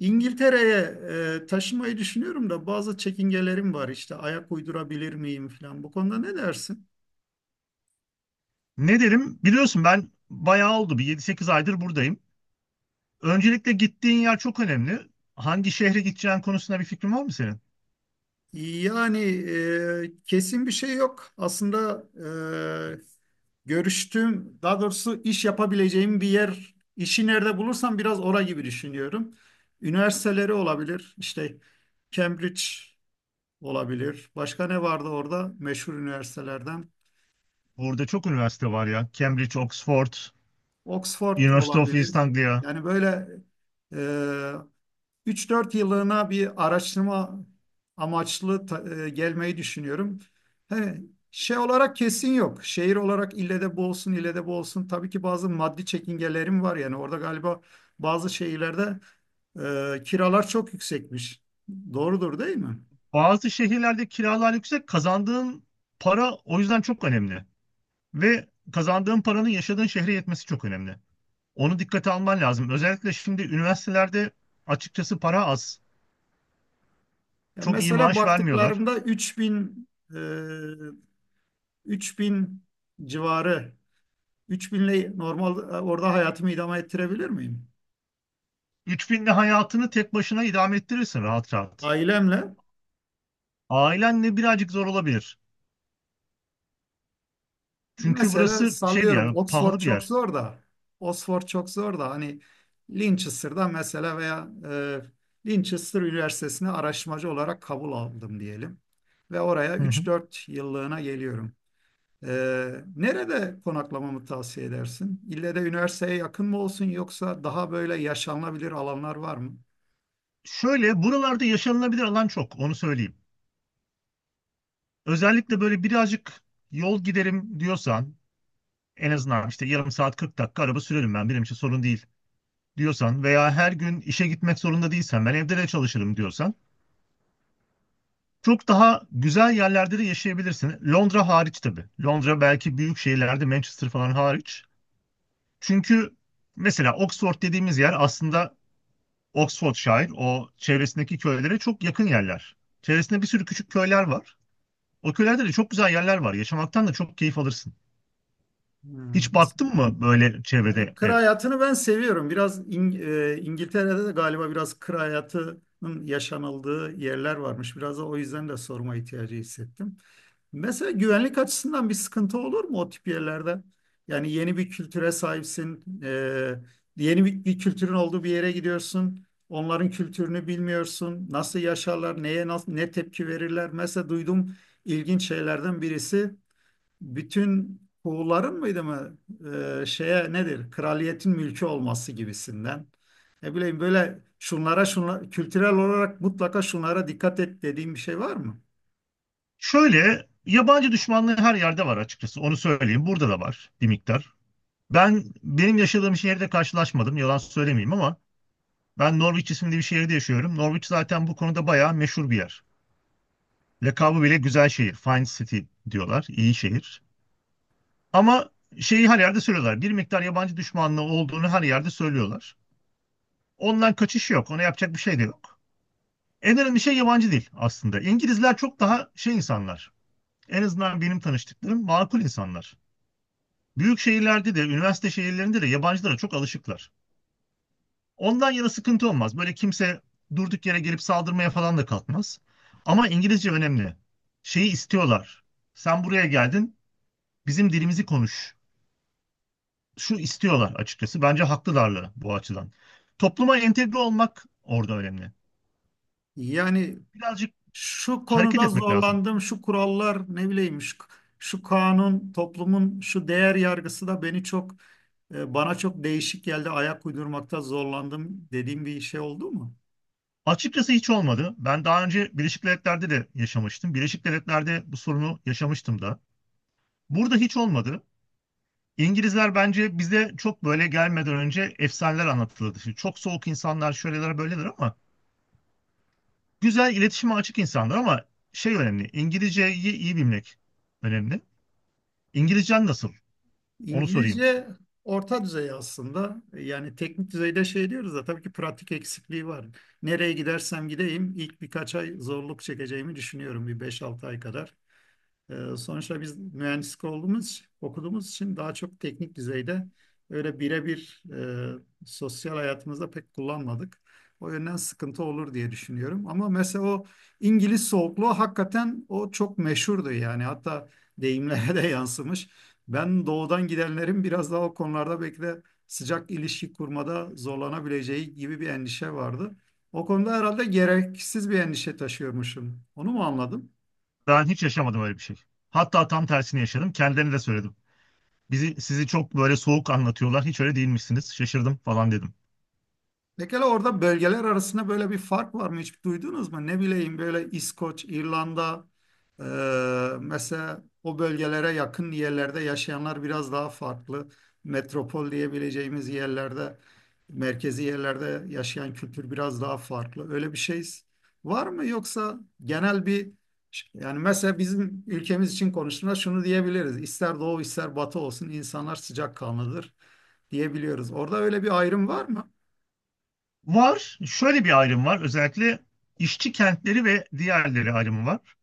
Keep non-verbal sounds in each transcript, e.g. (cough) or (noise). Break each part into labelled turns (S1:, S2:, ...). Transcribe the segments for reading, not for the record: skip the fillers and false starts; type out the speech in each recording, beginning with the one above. S1: İngiltere'ye taşımayı düşünüyorum da bazı çekingelerim var işte ayak uydurabilir miyim falan. Bu konuda ne dersin?
S2: Ne derim? Biliyorsun ben bayağı oldu. Bir 7-8 aydır buradayım. Öncelikle gittiğin yer çok önemli. Hangi şehre gideceğin konusunda bir fikrin var mı senin?
S1: Yani kesin bir şey yok. Aslında e, görüştüğüm, daha doğrusu iş yapabileceğim bir yer, işi nerede bulursam biraz ora gibi düşünüyorum. Üniversiteleri olabilir, işte Cambridge olabilir. Başka ne vardı orada meşhur üniversitelerden?
S2: Burada çok üniversite var ya. Cambridge, Oxford,
S1: Oxford
S2: University of
S1: olabilir.
S2: East Anglia.
S1: Yani böyle e, üç dört yıllığına bir araştırma amaçlı gelmeyi düşünüyorum. He, şey olarak kesin yok. Şehir olarak ille de bu olsun, ille de bu olsun. Tabii ki bazı maddi çekingelerim var. Yani orada galiba bazı şehirlerde kiralar çok yüksekmiş. Doğrudur değil mi?
S2: Bazı şehirlerde kiralar yüksek. Kazandığın para o yüzden çok önemli. Ve kazandığın paranın yaşadığın şehre yetmesi çok önemli. Onu dikkate alman lazım. Özellikle şimdi üniversitelerde açıkçası para az.
S1: Ya
S2: Çok iyi
S1: mesela
S2: maaş vermiyorlar.
S1: baktıklarımda e, 3000 civarı 3000 ile normal orada hayatımı idame ettirebilir miyim?
S2: 3.000'le hayatını tek başına idame ettirirsin rahat rahat.
S1: Ailemle.
S2: Ailenle birazcık zor olabilir. Çünkü
S1: Mesela
S2: burası şey bir
S1: sallıyorum
S2: yer,
S1: Oxford
S2: pahalı bir
S1: çok
S2: yer.
S1: zor da Oxford çok zor da hani Linchester'da mesela veya Linchester Üniversitesi'ne araştırmacı olarak kabul aldım diyelim. Ve oraya
S2: Hı hı.
S1: 3-4 yıllığına geliyorum. E, nerede konaklamamı tavsiye edersin? İlle de üniversiteye yakın mı olsun yoksa daha böyle yaşanılabilir alanlar var mı?
S2: Şöyle buralarda yaşanılabilir alan çok onu söyleyeyim. Özellikle böyle birazcık yol giderim diyorsan en azından işte yarım saat 40 dakika araba sürerim ben benim için sorun değil diyorsan veya her gün işe gitmek zorunda değilsen ben evde de çalışırım diyorsan çok daha güzel yerlerde de yaşayabilirsin. Londra hariç tabii. Londra belki büyük şehirlerde Manchester falan hariç. Çünkü mesela Oxford dediğimiz yer aslında Oxfordshire, o çevresindeki köylere çok yakın yerler. Çevresinde bir sürü küçük köyler var. O köylerde de çok güzel yerler var. Yaşamaktan da çok keyif alırsın.
S1: Hmm,
S2: Hiç
S1: aslında.
S2: baktın mı böyle
S1: Yani
S2: çevrede
S1: kır
S2: ev?
S1: hayatını ben seviyorum. Biraz İngiltere'de de galiba biraz kır hayatının yaşanıldığı yerler varmış. Biraz da o yüzden de sorma ihtiyacı hissettim. Mesela güvenlik açısından bir sıkıntı olur mu o tip yerlerde? Yani yeni bir kültüre sahipsin, yeni bir kültürün olduğu bir yere gidiyorsun. Onların kültürünü bilmiyorsun. Nasıl yaşarlar, ne tepki verirler? Mesela duydum ilginç şeylerden birisi bütün Huğulların mıydı mı şeye nedir kraliyetin mülkü olması gibisinden ne bileyim böyle şunlara şunlara kültürel olarak mutlaka şunlara dikkat et dediğim bir şey var mı?
S2: Şöyle, yabancı düşmanlığı her yerde var açıkçası. Onu söyleyeyim. Burada da var bir miktar. Ben benim yaşadığım şehirde karşılaşmadım. Yalan söylemeyeyim ama ben Norwich isimli bir şehirde yaşıyorum. Norwich zaten bu konuda bayağı meşhur bir yer. Lakabı bile güzel şehir. Fine City diyorlar. İyi şehir. Ama şeyi her yerde söylüyorlar. Bir miktar yabancı düşmanlığı olduğunu her yerde söylüyorlar. Ondan kaçış yok. Ona yapacak bir şey de yok. En önemli şey yabancı dil aslında. İngilizler çok daha şey insanlar. En azından benim tanıştıklarım makul insanlar. Büyük şehirlerde de, üniversite şehirlerinde de yabancılara çok alışıklar. Ondan yana sıkıntı olmaz. Böyle kimse durduk yere gelip saldırmaya falan da kalkmaz. Ama İngilizce önemli. Şeyi istiyorlar. Sen buraya geldin, bizim dilimizi konuş şu istiyorlar açıkçası. Bence haklılar da bu açıdan. Topluma entegre olmak orada önemli.
S1: Yani
S2: Birazcık
S1: şu
S2: hareket
S1: konuda
S2: etmek lazım.
S1: zorlandım şu kurallar ne bileyim şu, şu kanun toplumun şu değer yargısı da beni çok bana çok değişik geldi ayak uydurmakta zorlandım dediğim bir şey oldu mu?
S2: Açıkçası hiç olmadı. Ben daha önce Birleşik Devletler'de de yaşamıştım. Birleşik Devletler'de bu sorunu yaşamıştım da. Burada hiç olmadı. İngilizler bence bize çok böyle gelmeden önce efsaneler anlatılırdı. Şimdi çok soğuk insanlar şöyleler böyleler ama güzel iletişime açık insanlar ama şey önemli. İngilizceyi iyi bilmek önemli. İngilizcen nasıl? Onu sorayım.
S1: İngilizce orta düzey aslında. Yani teknik düzeyde şey diyoruz da tabii ki pratik eksikliği var. Nereye gidersem gideyim ilk birkaç ay zorluk çekeceğimi düşünüyorum bir beş altı ay kadar. Sonuçta biz mühendislik olduğumuz, okuduğumuz için daha çok teknik düzeyde öyle birebir sosyal hayatımızda pek kullanmadık. O yönden sıkıntı olur diye düşünüyorum. Ama mesela o İngiliz soğukluğu hakikaten o çok meşhurdu yani. Hatta deyimlere de (laughs) yansımış. Ben doğudan gidenlerin biraz daha o konularda belki de sıcak ilişki kurmada zorlanabileceği gibi bir endişe vardı. O konuda herhalde gereksiz bir endişe taşıyormuşum. Onu mu anladım?
S2: Ben hiç yaşamadım öyle bir şey. Hatta tam tersini yaşadım. Kendilerine de söyledim. Bizi, sizi çok böyle soğuk anlatıyorlar. Hiç öyle değilmişsiniz. Şaşırdım falan dedim.
S1: Pekala orada bölgeler arasında böyle bir fark var mı? Hiç duydunuz mu? Ne bileyim böyle İskoç, İrlanda, e, mesela o bölgelere yakın yerlerde yaşayanlar biraz daha farklı. Metropol diyebileceğimiz yerlerde, merkezi yerlerde yaşayan kültür biraz daha farklı. Öyle bir şey var mı? Yoksa genel bir, yani mesela bizim ülkemiz için konuştuğumda şunu diyebiliriz. İster doğu ister batı olsun insanlar sıcakkanlıdır diyebiliyoruz. Orada öyle bir ayrım var mı?
S2: Var. Şöyle bir ayrım var. Özellikle işçi kentleri ve diğerleri ayrımı var.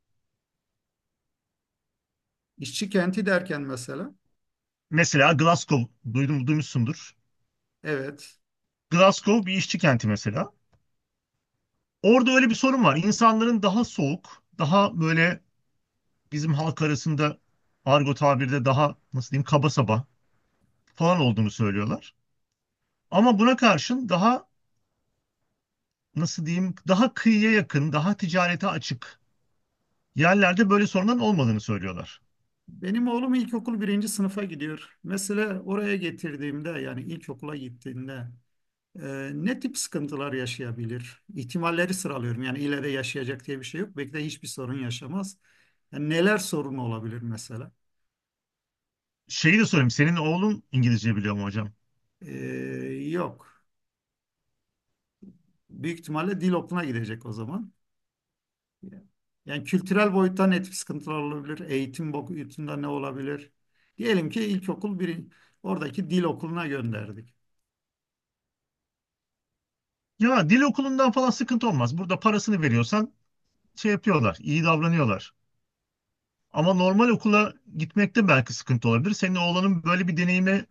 S1: İşçi kenti derken mesela,
S2: Mesela Glasgow. Duydum, duymuşsundur.
S1: evet.
S2: Glasgow bir işçi kenti mesela. Orada öyle bir sorun var. İnsanların daha soğuk, daha böyle bizim halk arasında argo tabirde daha nasıl diyeyim kaba saba falan olduğunu söylüyorlar. Ama buna karşın daha nasıl diyeyim daha kıyıya yakın, daha ticarete açık yerlerde böyle sorunların olmadığını söylüyorlar.
S1: Benim oğlum ilkokul birinci sınıfa gidiyor. Mesela oraya getirdiğimde yani ilkokula gittiğinde ne tip sıkıntılar yaşayabilir? İhtimalleri sıralıyorum. Yani ileride yaşayacak diye bir şey yok. Belki de hiçbir sorun yaşamaz. Yani neler sorun olabilir mesela?
S2: Şeyi de sorayım, senin oğlun İngilizce biliyor mu hocam?
S1: E, Yok. Büyük ihtimalle dil okuluna gidecek o zaman. Yani kültürel boyuttan net sıkıntılar olabilir. Eğitim boyutunda ne olabilir? Diyelim ki ilkokul bir, oradaki dil okuluna gönderdik.
S2: Ya dil okulundan falan sıkıntı olmaz. Burada parasını veriyorsan şey yapıyorlar, iyi davranıyorlar. Ama normal okula gitmekte belki sıkıntı olabilir. Senin oğlanın böyle bir deneyimi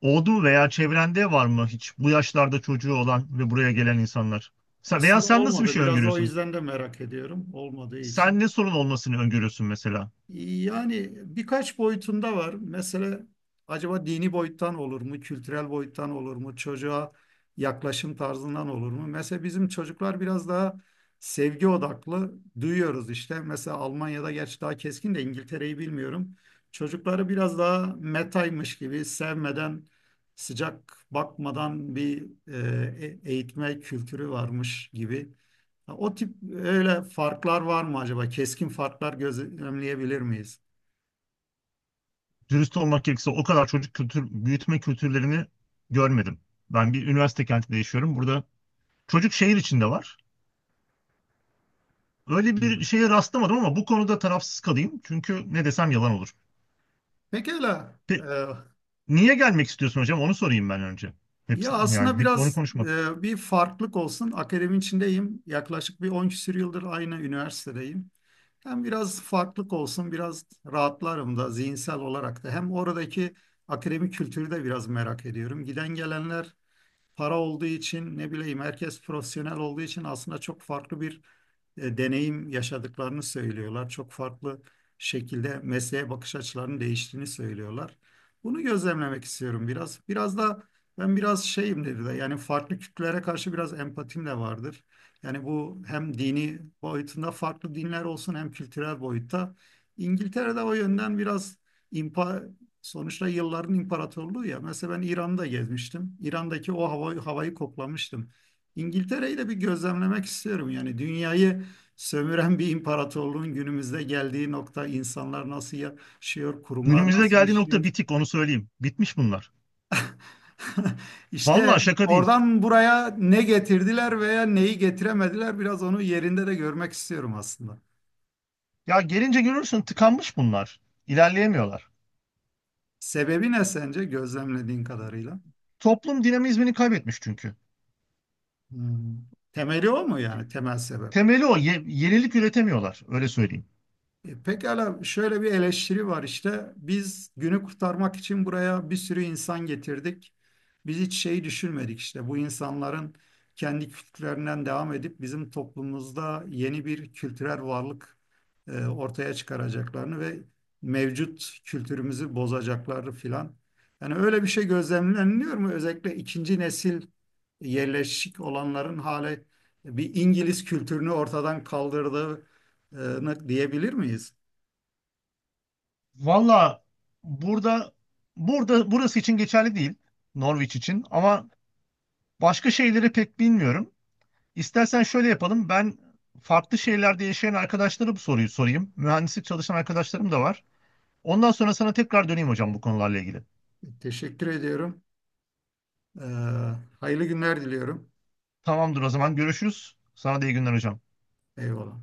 S2: oldu mu veya çevrende var mı hiç bu yaşlarda çocuğu olan ve buraya gelen insanlar? Sen, veya
S1: Aslında
S2: sen nasıl bir
S1: olmadı.
S2: şey
S1: Biraz da o
S2: öngörüyorsun?
S1: yüzden de merak ediyorum. Olmadığı için.
S2: Sen ne sorun olmasını öngörüyorsun mesela?
S1: Yani birkaç boyutunda var. Mesela acaba dini boyuttan olur mu, kültürel boyuttan olur mu, çocuğa yaklaşım tarzından olur mu? Mesela bizim çocuklar biraz daha sevgi odaklı duyuyoruz işte. Mesela Almanya'da gerçi daha keskin de İngiltere'yi bilmiyorum. Çocukları biraz daha metaymış gibi sevmeden, sıcak bakmadan bir eğitme kültürü varmış gibi. Ha, o tip öyle farklar var mı acaba? Keskin farklar gözlemleyebilir miyiz?
S2: Dürüst olmak gerekirse o kadar çocuk kültür büyütme kültürlerini görmedim. Ben bir üniversite kentinde yaşıyorum. Burada çocuk şehir içinde var. Öyle bir
S1: Hmm.
S2: şeye rastlamadım ama bu konuda tarafsız kalayım. Çünkü ne desem yalan olur.
S1: Pekala.
S2: Pe-
S1: Ee,
S2: Niye gelmek istiyorsun hocam? Onu sorayım ben önce. Hep,
S1: ya
S2: yani
S1: aslında
S2: hep onu
S1: biraz
S2: konuşmadık.
S1: bir farklılık olsun. Akademinin içindeyim. Yaklaşık bir 10 küsur yıldır aynı üniversitedeyim. Hem biraz farklılık olsun, biraz rahatlarım da zihinsel olarak da. Hem oradaki akademik kültürü de biraz merak ediyorum. Giden gelenler para olduğu için ne bileyim herkes profesyonel olduğu için aslında çok farklı bir deneyim yaşadıklarını söylüyorlar. Çok farklı şekilde mesleğe bakış açılarının değiştiğini söylüyorlar. Bunu gözlemlemek istiyorum biraz. Biraz da ben biraz şeyim dedi de yani farklı kültürlere karşı biraz empatim de vardır. Yani bu hem dini boyutunda farklı dinler olsun hem kültürel boyutta. İngiltere'de o yönden biraz impa sonuçta yılların imparatorluğu ya. Mesela ben İran'da gezmiştim. İran'daki o hava, havayı koklamıştım. İngiltere'yi de bir gözlemlemek istiyorum. Yani dünyayı sömüren bir imparatorluğun günümüzde geldiği nokta insanlar nasıl yaşıyor, kurumlar
S2: Günümüzde
S1: nasıl
S2: geldiği nokta
S1: işliyor.
S2: bitik onu söyleyeyim. Bitmiş bunlar.
S1: (laughs)
S2: Vallahi
S1: İşte
S2: şaka değil.
S1: oradan buraya ne getirdiler veya neyi getiremediler biraz onu yerinde de görmek istiyorum aslında.
S2: Ya gelince görürsün tıkanmış bunlar. İlerleyemiyorlar.
S1: Sebebi ne sence gözlemlediğin kadarıyla?
S2: Toplum dinamizmini kaybetmiş çünkü.
S1: Hmm. Temeli o mu yani temel sebep?
S2: Temeli o. Yenilik üretemiyorlar. Öyle söyleyeyim.
S1: E, pekala şöyle bir eleştiri var işte. Biz günü kurtarmak için buraya bir sürü insan getirdik. Biz hiç şeyi düşünmedik işte. Bu insanların kendi kültürlerinden devam edip bizim toplumumuzda yeni bir kültürel varlık ortaya çıkaracaklarını ve mevcut kültürümüzü bozacaklarını filan. Yani öyle bir şey gözlemleniliyor mu? Özellikle ikinci nesil yerleşik olanların hale bir İngiliz kültürünü ortadan kaldırdığı, diyebilir miyiz?
S2: Valla burada burada burası için geçerli değil. Norwich için ama başka şeyleri pek bilmiyorum. İstersen şöyle yapalım. Ben farklı şehirlerde yaşayan arkadaşlara bu soruyu sorayım. Mühendislik çalışan arkadaşlarım da var. Ondan sonra sana tekrar döneyim hocam bu konularla ilgili.
S1: Teşekkür ediyorum. Ee, Hayırlı günler diliyorum.
S2: Tamamdır o zaman görüşürüz. Sana da iyi günler hocam.
S1: Eyvallah.